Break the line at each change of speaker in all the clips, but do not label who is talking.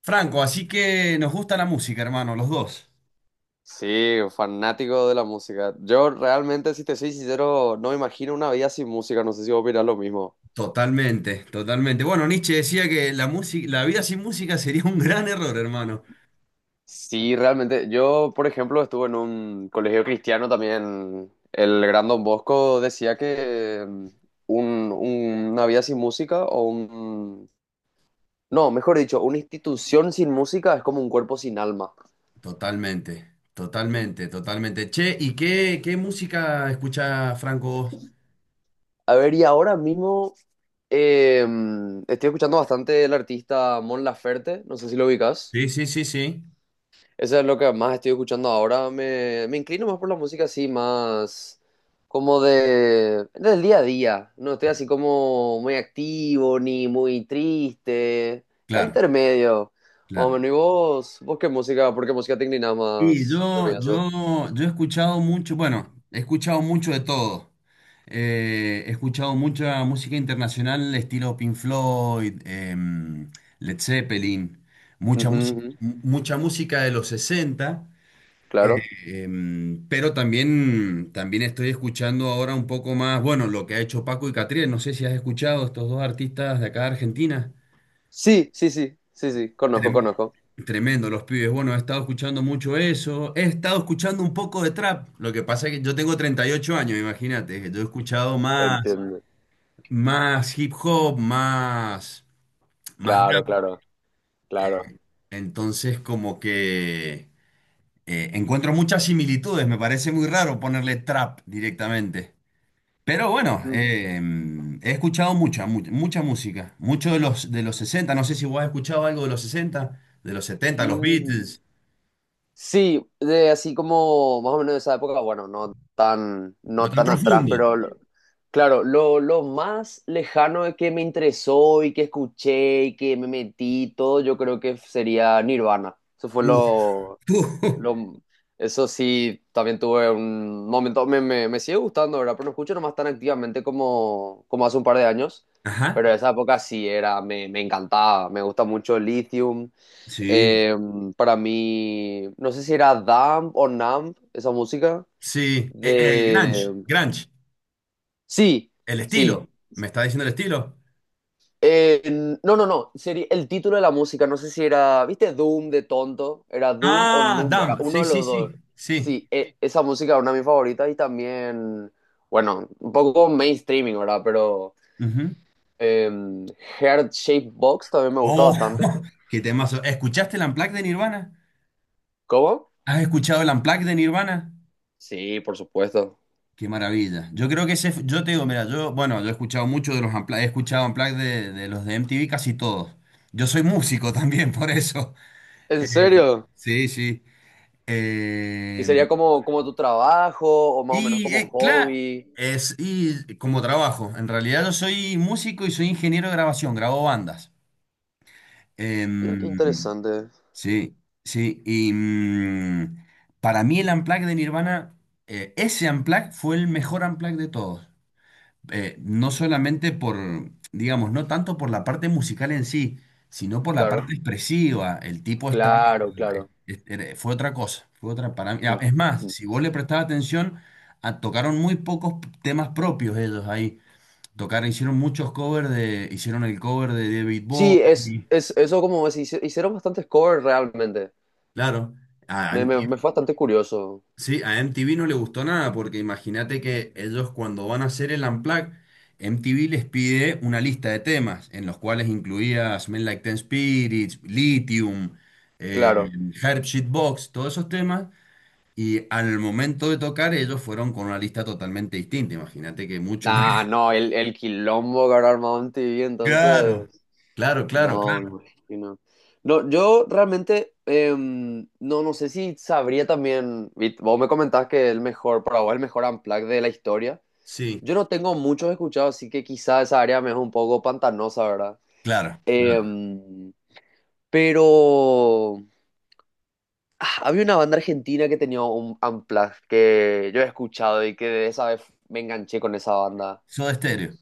Franco, así que nos gusta la música, hermano, los dos.
Sí, fanático de la música. Yo realmente, si te soy sincero, no me imagino una vida sin música. No sé si vos opinás lo mismo.
Totalmente, totalmente. Bueno, Nietzsche decía que la música, la vida sin música sería un gran error, hermano.
Sí, realmente. Yo, por ejemplo, estuve en un colegio cristiano también. El gran Don Bosco decía que una vida sin música. No, mejor dicho, una institución sin música es como un cuerpo sin alma.
Totalmente, totalmente, totalmente. Che, ¿y qué música escucha Franco vos?
A ver, y ahora mismo eh, estoy escuchando bastante el artista Mon Laferte. No sé si lo ubicas.
Sí, sí, sí, sí.
Eso es lo que más estoy escuchando ahora. Me inclino más por la música así, más como del día a día. No estoy así como muy activo ni muy triste. Está
Claro,
intermedio. Más o
claro.
menos. ¿Y vos qué música? ¿Por qué música te inclinás
Sí,
más?
yo,
¿Amigazo?
yo, yo he escuchado mucho, bueno, he escuchado mucho de todo. He escuchado mucha música internacional, estilo Pink Floyd, Led Zeppelin,
Ujú, ujú.
mucha música de los sesenta. eh,
Claro.
pero también estoy escuchando ahora un poco más, bueno, lo que ha hecho Paco y Catriel. No sé si has escuchado estos dos artistas de acá de Argentina.
Sí, sí, sí. Sí, sí. Conozco,
Trem-
conozco.
Tremendo, los pibes. Bueno, he estado escuchando mucho eso. He estado escuchando un poco de trap. Lo que pasa es que yo tengo 38 años, imagínate. Yo he escuchado más,
Entiendo.
más hip hop, más, más
Claro,
rap.
claro, claro.
Entonces, como que encuentro muchas similitudes. Me parece muy raro ponerle trap directamente. Pero bueno,
Mm.
he escuchado mucha música. Mucho de de los sesenta. No sé si vos has escuchado algo de los sesenta, de los setenta, los
Mm.
Beatles.
Sí, de así como más o menos de esa época, bueno, no tan,
No
no
tan
tan atrás,
profundo.
pero claro, lo más lejano de que me interesó y que escuché y que me metí y todo, yo creo que sería Nirvana. Eso fue
Uf, uf.
lo, eso sí, también tuve un momento, me sigue gustando, ¿verdad? Pero no escucho nomás tan activamente como hace un par de años.
Ajá.
Pero esa época sí era, me encantaba, me gusta mucho Lithium.
Sí,
Eh, para mí, no sé si era Damp o Numb, esa música.
sí. Grunge,
De...
grunge.
Sí,
El
sí.
estilo. ¿Me está diciendo el estilo?
Eh, no, no, no. Sería el título de la música. No sé si era, ¿viste? Doom de tonto. Era Doom o
Ah,
Numb. Era
Damn.
uno
Sí,
de
sí,
los
sí.
dos.
Sí.
Sí, esa música es una de mis favoritas y también, bueno, un poco mainstreaming, ¿verdad? Pero
Ujú.
em, Heart Shape Box también me gusta
Oh,
bastante.
qué temazo. ¿Escuchaste el Unplugged de Nirvana?
¿Cómo?
¿Has escuchado el Unplugged de Nirvana?
Sí, por supuesto.
Qué maravilla. Yo creo que ese, yo te digo, mira, yo, bueno, yo he escuchado mucho de los Unplugged, he escuchado Unplugged de los de MTV casi todos. Yo soy músico también, por eso.
¿En
Eh,
serio?
sí, sí.
¿Y
Eh,
sería como, tu trabajo o más o menos
y
como
claro,
hobby?
es y como trabajo. En realidad yo soy músico y soy ingeniero de grabación, grabo bandas.
Mira qué
Em,
interesante.
sí, sí. Y para mí el Unplugged de Nirvana, ese Unplugged fue el mejor Unplugged de todos. No solamente por, digamos, no tanto por la parte musical en sí, sino por la
Claro,
parte expresiva. El tipo está,
claro, claro.
fue otra cosa, fue otra para mí. Ah, es más,
Ujú.
si vos le prestabas atención, tocaron muy pocos temas propios ellos ahí. Tocaron, hicieron muchos covers de, hicieron el cover de David
Sí, es,
Bowie,
es eso como es, hicieron bastantes covers realmente.
claro.
Me fue bastante curioso,
Sí, a MTV no le gustó nada porque imagínate que ellos cuando van a hacer el Unplugged, MTV les pide una lista de temas en los cuales incluía Smell Like Teen Spirits, Lithium, eh,
claro.
Herb Box, todos esos temas, y al momento de tocar ellos fueron con una lista totalmente distinta. Imagínate que mucho no.
Ah, no, el quilombo que habrá armado MTV, entonces.
Claro, claro, claro,
No, me
claro.
imagino. No, yo realmente no, no sé si sabría también. Vos me comentabas que el mejor, para vos, el mejor unplugged de la historia.
Sí,
Yo no tengo muchos escuchados, así que quizá esa área me es un poco pantanosa, ¿verdad?
claro, claro.
Em, pero. Ah, había una banda argentina que tenía un unplugged que yo he escuchado y que de esa vez me enganché con esa banda.
Soda Stereo.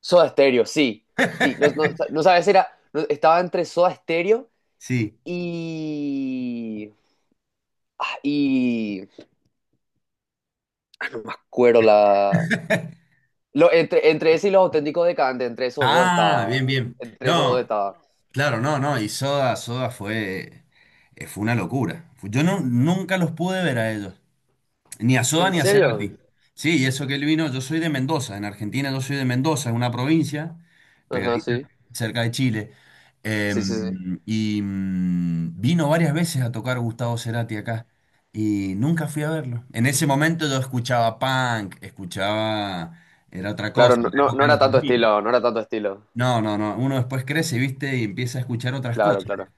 Soda Stereo, sí. Sí, no, no, no sabes, era, estaba entre Soda Stereo
Sí.
y. Ah, y. Cuero la. Lo, entre ese y Los Auténticos decantes entre esos dos
Ah,
estaba.
bien, bien.
Entre esos dos
No.
estaba.
Claro, no, no, y Soda fue, fue una locura. Yo no, nunca los pude ver a ellos, ni a Soda
¿En
ni a
serio?
Cerati. Sí, y eso que él vino, yo soy de Mendoza, en Argentina, yo soy de Mendoza, es una provincia
Ajá,
pegadita
sí.
cerca de Chile.
Sí, sí, sí.
Y vino varias veces a tocar Gustavo Cerati acá y nunca fui a verlo. En ese momento yo escuchaba punk, escuchaba, era otra
Claro,
cosa,
no,
en la
no, no
época de
era
los
tanto
2000.
estilo, no era tanto estilo.
No, no, no, uno después crece, viste, y empieza a escuchar otras
Claro,
cosas.
claro.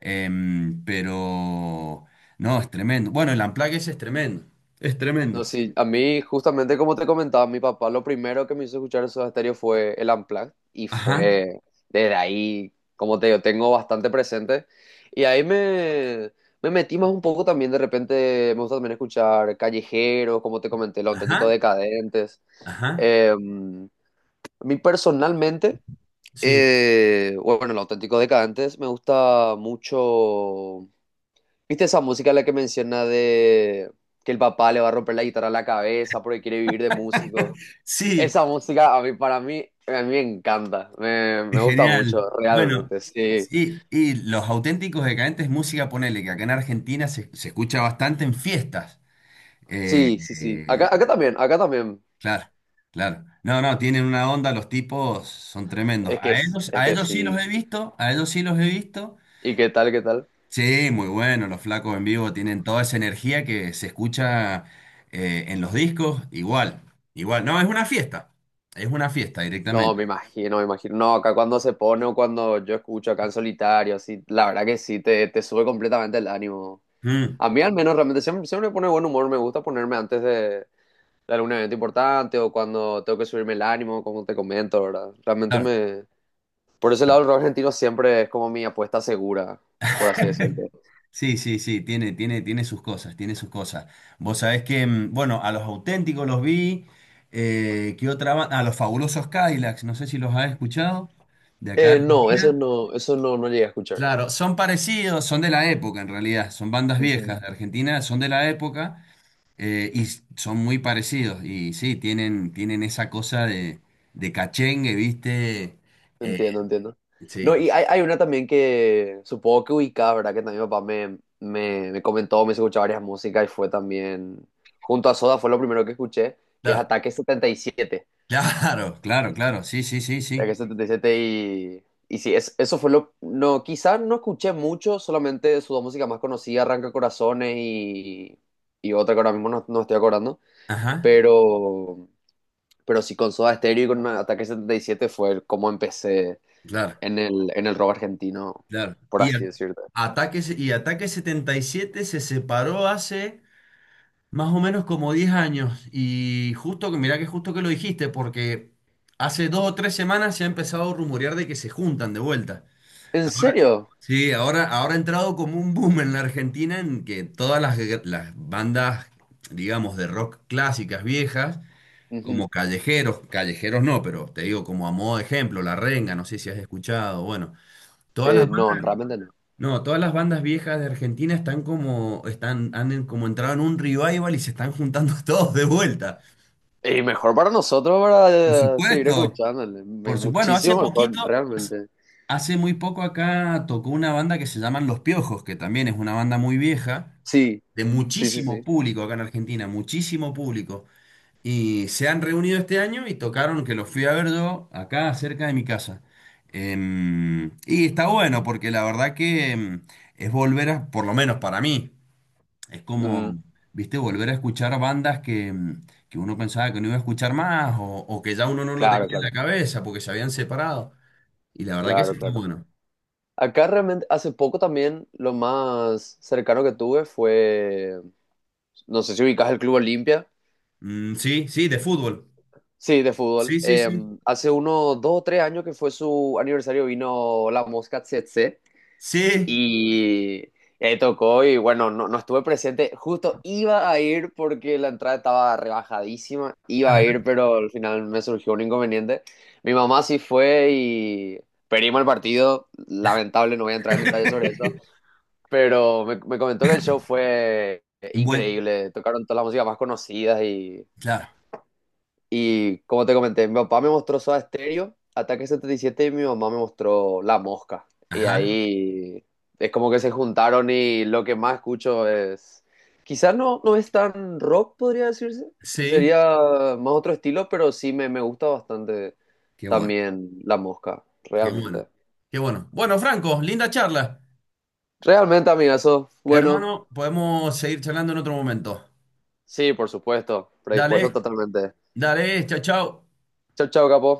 Pero no, es tremendo. Bueno, el Unplugged ese es tremendo. Es
No,
tremendo.
sí, a mí, justamente como te comentaba, mi papá lo primero que me hizo escuchar Soda Stereo fue el Unplugged y
Ajá,
fue desde ahí, como te digo, tengo bastante presente. Y ahí me metí más un poco también, de repente me gusta también escuchar Callejeros, como te comenté, Los Auténticos
ajá,
Decadentes.
ajá,
A mí personalmente,
sí.
bueno, Los Auténticos Decadentes me gusta mucho. ¿Viste esa música la que menciona de que el papá le va a romper la guitarra a la cabeza porque quiere vivir de músico?
Sí,
Esa música a mí, para mí, a mí me encanta, me
es
gusta
genial.
mucho,
Bueno,
realmente, sí.
sí, y los auténticos decadentes, música, ponele, que acá en Argentina se, se escucha bastante en fiestas. Eh,
Sí, sí, sí.
eh,
Acá, acá también, acá también.
claro, claro. No, no, tienen una onda, los tipos son tremendos.
Es que, es es
A
que
ellos sí los
sí.
he visto, a ellos sí los he visto.
¿Y qué tal, qué tal?
Sí, muy bueno, los flacos en vivo tienen toda esa energía que se escucha en los discos, igual, igual, no, es una fiesta
No,
directamente.
me imagino, me imagino. No, acá cuando se pone o cuando yo escucho acá en solitario, sí, la verdad que sí, te sube completamente el ánimo.
Mm,
A mí al menos realmente siempre, siempre me pone buen humor, me gusta ponerme antes de algún evento importante o cuando tengo que subirme el ánimo, como te comento, ¿verdad? Realmente
claro.
me. Por ese lado el rock argentino siempre es como mi apuesta segura, por así decirlo.
Sí, sí, sí, tiene, tiene, tiene sus cosas, tiene sus cosas. Vos sabés que, bueno, a los auténticos los vi, ¿qué otra banda? A los fabulosos Cadillacs, no sé si los has escuchado, de acá de
No, eso
Argentina.
no, eso no, no llegué a escuchar.
Claro, son parecidos, son de la época en realidad, son bandas viejas de Argentina, son de la época. Y son muy parecidos, y sí, tienen, tienen esa cosa de cachengue, ¿viste? Eh,
Entiendo, entiendo.
sí,
No, y hay una también que supongo que ubicaba, ¿verdad? Que también mi papá me comentó, me hizo escuchar varias músicas y fue también, junto a Soda fue lo primero que escuché, que es
claro,
Ataque 77
claro, claro, claro, sí, sí, sí,
Ataque
sí.
77 y sí, eso fue lo, no, quizás no escuché mucho, solamente su dos músicas más conocidas, Arranca Corazones y otra que ahora mismo no, no estoy acordando,
Ajá,
pero, pero sí con Soda Stereo y con Ataque 77 fue como empecé
claro,
en el rock argentino,
claro.
por así decirte.
Ataque, y Ataque 77 se separó hace más o menos como 10 años, y justo que, mirá que justo que lo dijiste, porque hace dos o tres semanas se ha empezado a rumorear de que se juntan de vuelta.
¿En serio?
Sí, ahora ha entrado como un boom en la Argentina en que las bandas, digamos, de rock clásicas viejas,
Ujú.
como callejeros, callejeros no, pero te digo como a modo de ejemplo, La Renga, no sé si has escuchado, bueno, todas las
No,
bandas,
realmente no.
no, todas las bandas viejas de Argentina están como, están, como entrado en un revival y se están juntando todos de vuelta.
Y mejor para nosotros
Por
para seguir
supuesto,
escuchándole.
por supuesto, bueno, hace
Muchísimo mejor,
poquito,
realmente.
hace muy poco acá tocó una banda que se llaman Los Piojos, que también es una banda muy vieja
Sí,
de
sí, sí,
muchísimo
sí.
público acá en Argentina, muchísimo público. Y se han reunido este año y tocaron, que los fui a ver yo, acá cerca de mi casa. Y está bueno porque la verdad que es volver a, por lo menos para mí, es
Mm,
como, viste, volver a escuchar bandas que, que uno pensaba que no iba a escuchar más, o que ya uno no lo tenía
claro,
en la
claro,
cabeza porque se habían separado. Y la verdad que eso
claro,
está
claro.
bueno.
Acá realmente, hace poco también lo más cercano que tuve fue, no sé si ubicas el Club Olimpia.
Mm, sí, sí, de fútbol.
Sí, de fútbol.
Sí, sí, sí.
Hace unos 2 o 3 años que fue su aniversario vino la Mosca Tsetse.
Sí.
Y ahí tocó y bueno, no, no estuve presente. Justo iba a ir porque la entrada estaba rebajadísima. Iba a
Ajá.
ir, pero al final me surgió un inconveniente. Mi mamá sí fue y perdimos el partido. Lamentable, no voy a entrar en detalles sobre eso. Pero me comentó que el show fue
Buen-
increíble. Tocaron todas las músicas más conocidas y
Claro.
y como te comenté, mi papá me mostró Soda Stereo, Ataque 77 y siete, y mi mamá me mostró La Mosca. Y
Ajá.
ahí es como que se juntaron y lo que más escucho es. Quizás no, no es tan rock, podría decirse.
Sí.
Sería más otro estilo, pero sí me gusta bastante
Qué bueno.
también La Mosca,
Qué bueno.
realmente.
Qué bueno. Bueno, Franco, linda charla.
Realmente, amigazo. Bueno,
Hermano, podemos seguir charlando en otro momento.
sí, por supuesto.
Dale,
Predispuesto totalmente.
dale, chao, chao.
Chau, chau, capo.